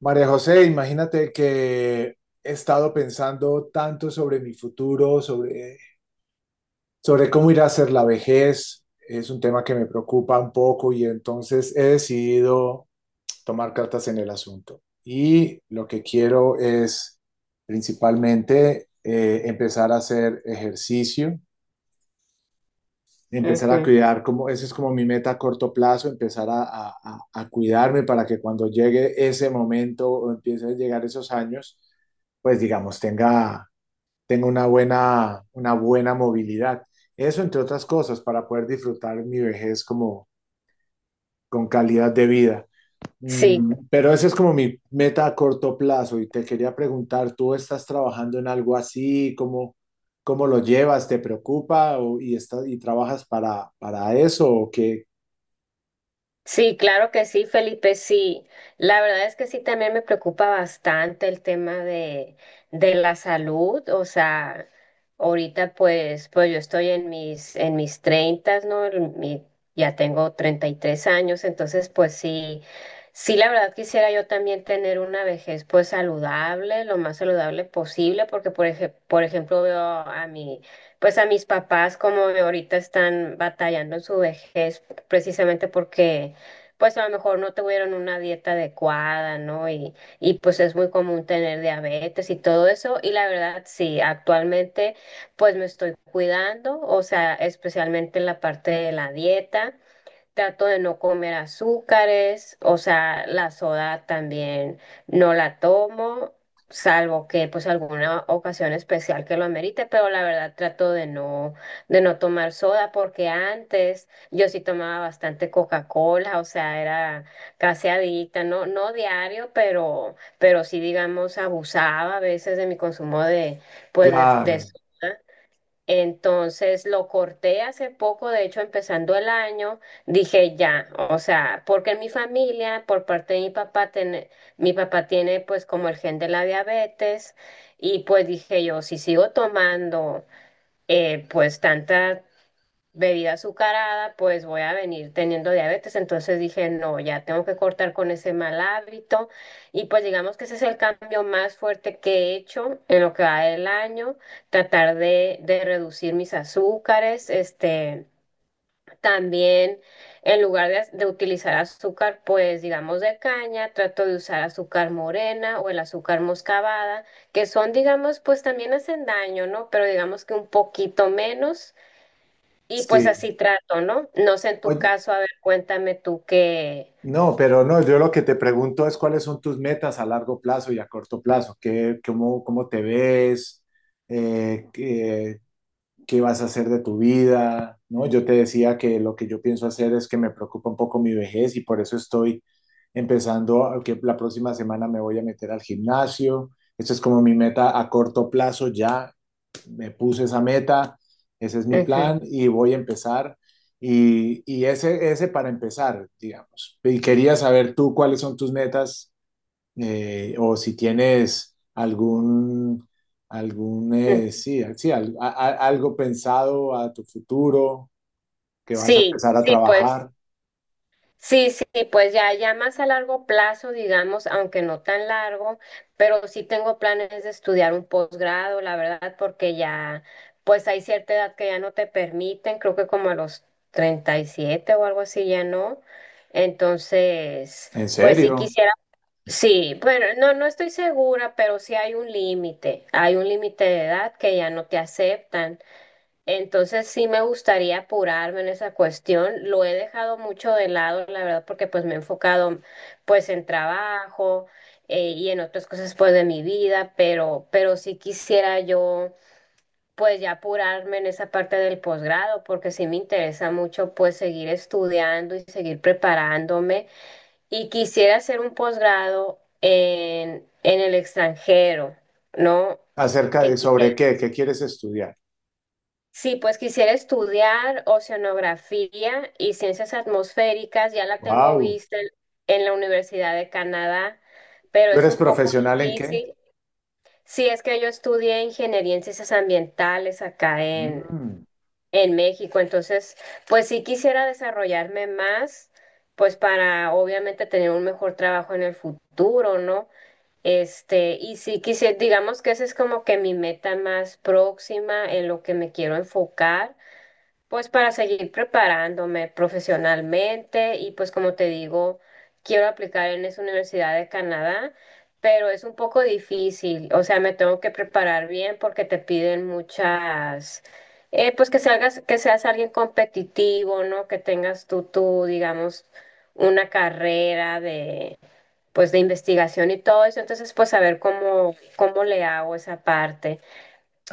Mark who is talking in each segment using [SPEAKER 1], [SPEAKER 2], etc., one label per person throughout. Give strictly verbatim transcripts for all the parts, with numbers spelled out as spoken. [SPEAKER 1] María José, imagínate que he estado pensando tanto sobre mi futuro, sobre, sobre cómo ir a ser la vejez. Es un tema que me preocupa un poco y entonces he decidido tomar cartas en el asunto. Y lo que quiero es principalmente eh, empezar a hacer ejercicio, empezar a
[SPEAKER 2] Ujú.
[SPEAKER 1] cuidar, como, esa es como mi meta a corto plazo, empezar a, a- a- a cuidarme para que cuando llegue ese momento o empiecen a llegar esos años, pues digamos, tenga, tenga una buena, una buena movilidad. Eso, entre otras cosas, para poder disfrutar mi vejez como con calidad de vida.
[SPEAKER 2] Sí,
[SPEAKER 1] Mm, pero esa es como mi meta a corto plazo y te quería preguntar, ¿tú estás trabajando en algo así? ¿Cómo, cómo lo llevas? ¿Te preocupa o- y, estás, y trabajas para, para eso? ¿O qué?
[SPEAKER 2] Sí, claro que sí, Felipe, sí. La verdad es que sí, también me preocupa bastante el tema de, de la salud. O sea, ahorita pues, pues yo estoy en mis, en mis treintas, ¿no? En mi- ya tengo treinta y tres años, entonces pues sí, sí, la verdad quisiera yo también tener una vejez pues saludable, lo más saludable posible, porque por ej- por ejemplo veo a mi, pues a mis papás como ahorita están batallando en su vejez precisamente porque pues a lo mejor no tuvieron una dieta adecuada, ¿no? Y, y pues es muy común tener diabetes y todo eso. Y la verdad, sí, actualmente pues me estoy cuidando, o sea, especialmente en la parte de la dieta. Trato de no comer azúcares, o sea, la soda también no la tomo, salvo que pues alguna ocasión especial que lo amerite, pero la verdad trato de no de no tomar soda porque antes yo sí tomaba bastante Coca-Cola, o sea, era casi adicta, no no diario, pero pero sí digamos abusaba a veces de mi consumo de pues de,
[SPEAKER 1] Claro,
[SPEAKER 2] de soda. Entonces lo corté hace poco, de hecho empezando el año, dije ya, o sea, porque en mi familia, por parte de mi papá, tiene- mi papá tiene pues como el gen de la diabetes y pues dije yo, si sigo tomando eh, pues tanta bebida azucarada, pues voy a venir teniendo diabetes. Entonces dije, no, ya tengo que cortar con ese mal hábito. Y pues digamos que ese es el cambio más fuerte que he hecho en lo que va del año, tratar de, de reducir mis azúcares, este, también en lugar de, az- de utilizar azúcar, pues digamos de caña, trato de usar azúcar morena o el azúcar moscabada, que son, digamos, pues también hacen daño, ¿no? Pero digamos que un poquito menos. Y pues
[SPEAKER 1] sí.
[SPEAKER 2] así trato, ¿no? No sé en tu
[SPEAKER 1] Oye,
[SPEAKER 2] caso, a ver, cuéntame tú qué.
[SPEAKER 1] no, pero no, yo lo que te pregunto es cuáles son tus metas a largo plazo y a corto plazo. ¿Qué, cómo, cómo te ves? Eh, ¿qué- qué vas a hacer de tu vida? ¿No? Yo te decía que lo que yo pienso hacer es que me preocupa un poco mi vejez y por eso estoy empezando, que la próxima semana me voy a meter al gimnasio. Esa es como mi meta a corto plazo, ya me puse esa meta, ese es mi
[SPEAKER 2] Ujú,
[SPEAKER 1] plan y voy a empezar. Y, y ese, ese para empezar, digamos. Y quería saber tú cuáles son tus metas eh, o si tienes algún, algún
[SPEAKER 2] ujú.
[SPEAKER 1] eh, sí, sí, al- a- a- algo pensado a tu futuro que vas a
[SPEAKER 2] Sí,
[SPEAKER 1] empezar a
[SPEAKER 2] sí, pues,
[SPEAKER 1] trabajar,
[SPEAKER 2] sí, sí, pues ya, ya más a largo plazo, digamos, aunque no tan largo, pero sí tengo planes de estudiar un posgrado, la verdad, porque ya, pues hay cierta edad que ya no te permiten, creo que como a los treinta y siete o algo así ya no. Entonces,
[SPEAKER 1] ¿en
[SPEAKER 2] pues sí
[SPEAKER 1] serio?,
[SPEAKER 2] quisiera. Sí, bueno, no, no estoy segura, pero sí hay un límite, hay un límite de edad que ya no te aceptan. Entonces sí me gustaría apurarme en esa cuestión. Lo he dejado mucho de lado, la verdad, porque pues me he enfocado pues en trabajo eh, y en otras cosas pues de mi vida, pero, pero sí quisiera yo pues ya apurarme en esa parte del posgrado, porque sí me interesa mucho pues seguir estudiando y seguir preparándome y quisiera hacer un posgrado en, en el extranjero, ¿no?
[SPEAKER 1] acerca de
[SPEAKER 2] Que quisiera-
[SPEAKER 1] sobre qué, ¿qué quieres estudiar?
[SPEAKER 2] sí, pues quisiera estudiar oceanografía y ciencias atmosféricas, ya la tengo
[SPEAKER 1] Wow,
[SPEAKER 2] vista en, en la Universidad de Canadá, pero
[SPEAKER 1] ¿tú
[SPEAKER 2] es
[SPEAKER 1] eres
[SPEAKER 2] un poco
[SPEAKER 1] profesional en qué?
[SPEAKER 2] difícil. Sí, es que yo estudié ingeniería en ciencias ambientales acá en,
[SPEAKER 1] Mm,
[SPEAKER 2] en México, entonces, pues sí quisiera desarrollarme más, pues para obviamente tener un mejor trabajo en el futuro, ¿no? Este, y si quisiera, digamos que esa es como que mi meta más próxima en lo que me quiero enfocar, pues para seguir preparándome profesionalmente y pues como te digo, quiero aplicar en esa Universidad de Canadá, pero es un poco difícil, o sea, me tengo que preparar bien porque te piden muchas, eh, pues que salgas, que seas alguien competitivo, ¿no? Que tengas tú, tú, digamos, una carrera pues de investigación y todo eso, entonces pues a ver cómo, cómo le hago esa parte.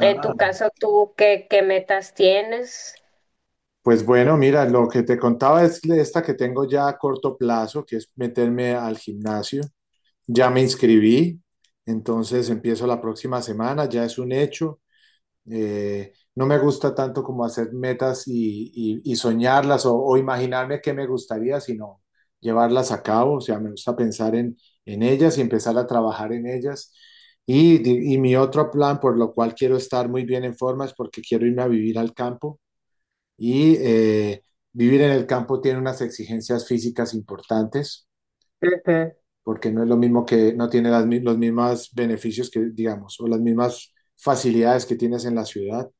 [SPEAKER 2] En tu caso, ¿tú qué, qué metas tienes?
[SPEAKER 1] pues bueno, mira, lo que te contaba es esta que tengo ya a corto plazo, que es meterme al gimnasio. Ya me inscribí, entonces empiezo la próxima semana, ya es un hecho. Eh, no me gusta tanto como hacer metas y, y- y soñarlas o, o imaginarme qué me gustaría, sino llevarlas a cabo. O sea, me gusta pensar en, en ellas y empezar a trabajar en ellas. Y, di- y mi otro plan por lo cual quiero estar muy bien en forma es porque quiero irme a vivir al campo. Y eh, vivir en el campo tiene unas exigencias físicas importantes,
[SPEAKER 2] Ujú,
[SPEAKER 1] porque no es lo mismo, que no tiene las, mi- los mismos beneficios que, digamos, o las mismas facilidades que tienes en la ciudad.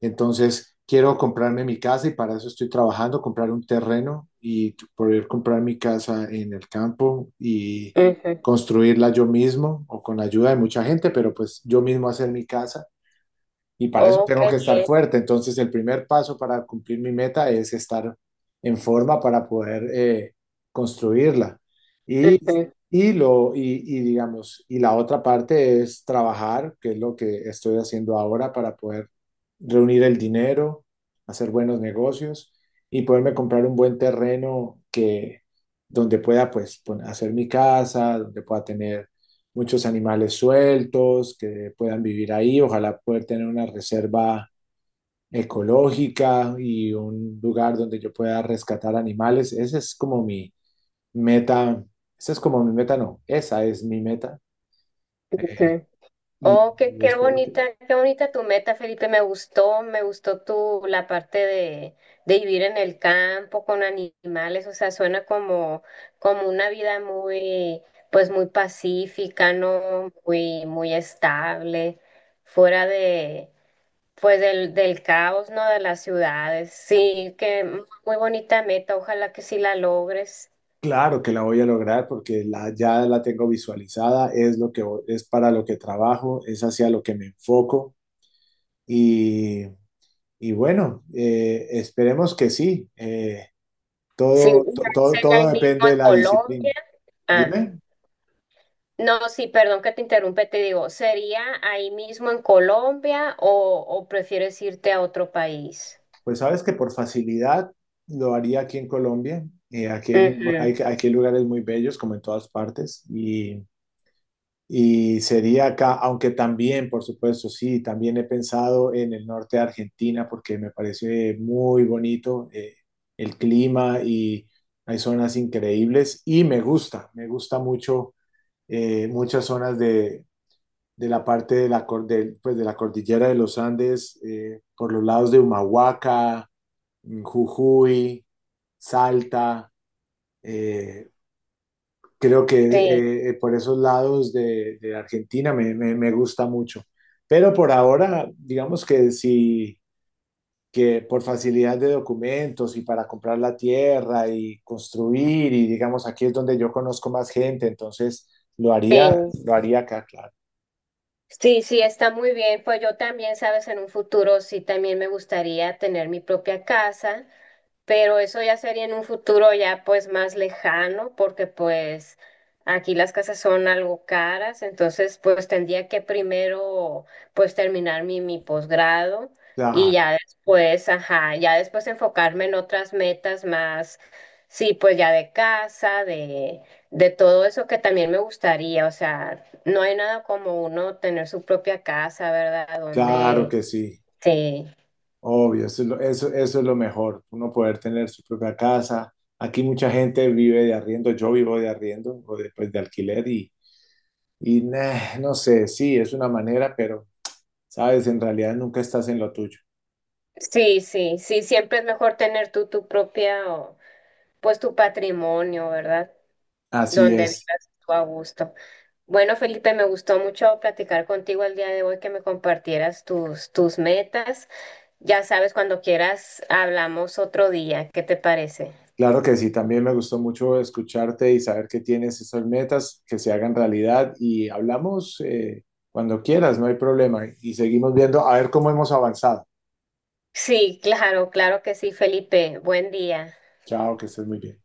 [SPEAKER 1] Entonces, quiero comprarme mi casa y para eso estoy trabajando, comprar un terreno y t- poder comprar mi casa en el campo y
[SPEAKER 2] ujú.
[SPEAKER 1] construirla yo mismo o con la ayuda de mucha gente, pero pues yo mismo hacer mi casa y para eso
[SPEAKER 2] Oh,
[SPEAKER 1] tengo que estar
[SPEAKER 2] qué
[SPEAKER 1] fuerte. Entonces, el primer paso para cumplir mi meta es estar en forma para poder eh, construirla. Y,
[SPEAKER 2] bien. Ujú,
[SPEAKER 1] y, lo, y, y digamos, y la otra parte es trabajar, que es lo que estoy haciendo ahora para poder reunir el dinero, hacer buenos negocios y poderme comprar un buen terreno que donde pueda pues pon- hacer mi casa, donde pueda tener muchos animales sueltos que puedan vivir ahí. Ojalá poder tener una reserva ecológica y un lugar donde yo pueda rescatar animales. Esa es como mi meta. Esa es como mi meta, no, esa es mi meta
[SPEAKER 2] ujú.
[SPEAKER 1] y
[SPEAKER 2] Oh, qué, qué
[SPEAKER 1] espero que,
[SPEAKER 2] bonita, qué bonita tu meta, Felipe. Me gustó, me gustó tu, la parte de, de vivir en el campo con animales. O sea, suena como, como una vida muy, pues muy pacífica, ¿no? Muy, muy estable, fuera de, pues del, del caos, ¿no? De las ciudades. Sí, que muy bonita meta, ojalá que sí la logres.
[SPEAKER 1] claro que la voy a lograr porque la, ya la tengo visualizada, es lo que vo- es para lo que trabajo, es hacia lo que me enfoco y, y bueno, eh, esperemos que sí. eh,
[SPEAKER 2] Sí,
[SPEAKER 1] Todo,
[SPEAKER 2] y
[SPEAKER 1] to- todo,
[SPEAKER 2] sería
[SPEAKER 1] todo
[SPEAKER 2] ahí mismo
[SPEAKER 1] depende
[SPEAKER 2] en
[SPEAKER 1] de la
[SPEAKER 2] Colombia.
[SPEAKER 1] disciplina.
[SPEAKER 2] Ah,
[SPEAKER 1] Dime,
[SPEAKER 2] no, sí, perdón que te interrumpe, te digo, ¿sería ahí mismo en Colombia o, o prefieres irte a otro país?
[SPEAKER 1] pues sabes que por facilidad lo haría aquí en Colombia. Eh, aquí hay, muy bu- hay-
[SPEAKER 2] Ujú,
[SPEAKER 1] aquí hay lugares muy bellos, como en todas partes, y, y sería acá, aunque también, por supuesto, sí, también he pensado en el norte de Argentina porque me parece muy bonito eh, el clima y hay zonas increíbles y me gusta, me gusta mucho eh, muchas zonas de la parte de la, cor- pues, de la cordillera de los Andes, eh, por los lados de Humahuaca, mm, Jujuy, Salta. eh, creo que
[SPEAKER 2] sí,
[SPEAKER 1] eh, eh, por esos lados de, de Argentina me, me- me gusta mucho. Pero por ahora, digamos que sí, que por facilidad de documentos y para comprar la tierra y construir, y digamos, aquí es donde yo conozco más gente, entonces lo haría,
[SPEAKER 2] sí.
[SPEAKER 1] lo haría acá, claro.
[SPEAKER 2] Sí, sí, está muy bien. Pues yo también, sabes, en un futuro sí también me gustaría tener mi propia casa. Pero eso ya sería en un futuro ya pues más lejano, porque pues aquí las casas son algo caras, entonces pues tendría que primero pues terminar mi, mi posgrado y
[SPEAKER 1] Claro,
[SPEAKER 2] ya después, ajá, ya después enfocarme en otras metas más, sí, pues ya de casa, de, de todo eso que también me gustaría, o sea, no hay nada como uno tener su propia casa, ¿verdad?
[SPEAKER 1] claro
[SPEAKER 2] Donde,
[SPEAKER 1] que sí.
[SPEAKER 2] sí.
[SPEAKER 1] Obvio, eso es lo, eso, eso es lo mejor, uno poder tener su propia casa. Aquí mucha gente vive de arriendo, yo vivo de arriendo o después de alquiler y, y nah, no sé, sí, es una manera, pero sabes, en realidad nunca estás en lo tuyo.
[SPEAKER 2] Sí, sí, sí, siempre es mejor tener tú tu propia, o, pues tu patrimonio, ¿verdad?
[SPEAKER 1] Así
[SPEAKER 2] Donde
[SPEAKER 1] es.
[SPEAKER 2] vivas tú a gusto. Bueno, Felipe, me gustó mucho platicar contigo el día de hoy, que me compartieras tus, tus metas. Ya sabes, cuando quieras, hablamos otro día. ¿Qué te parece?
[SPEAKER 1] Claro que sí, también me gustó mucho escucharte y saber que tienes esas metas, que se hagan realidad y hablamos eh, cuando quieras, no hay problema y seguimos viendo a ver cómo hemos avanzado.
[SPEAKER 2] Sí, claro, claro que sí, Felipe. Buen día.
[SPEAKER 1] Chao, que estés muy bien.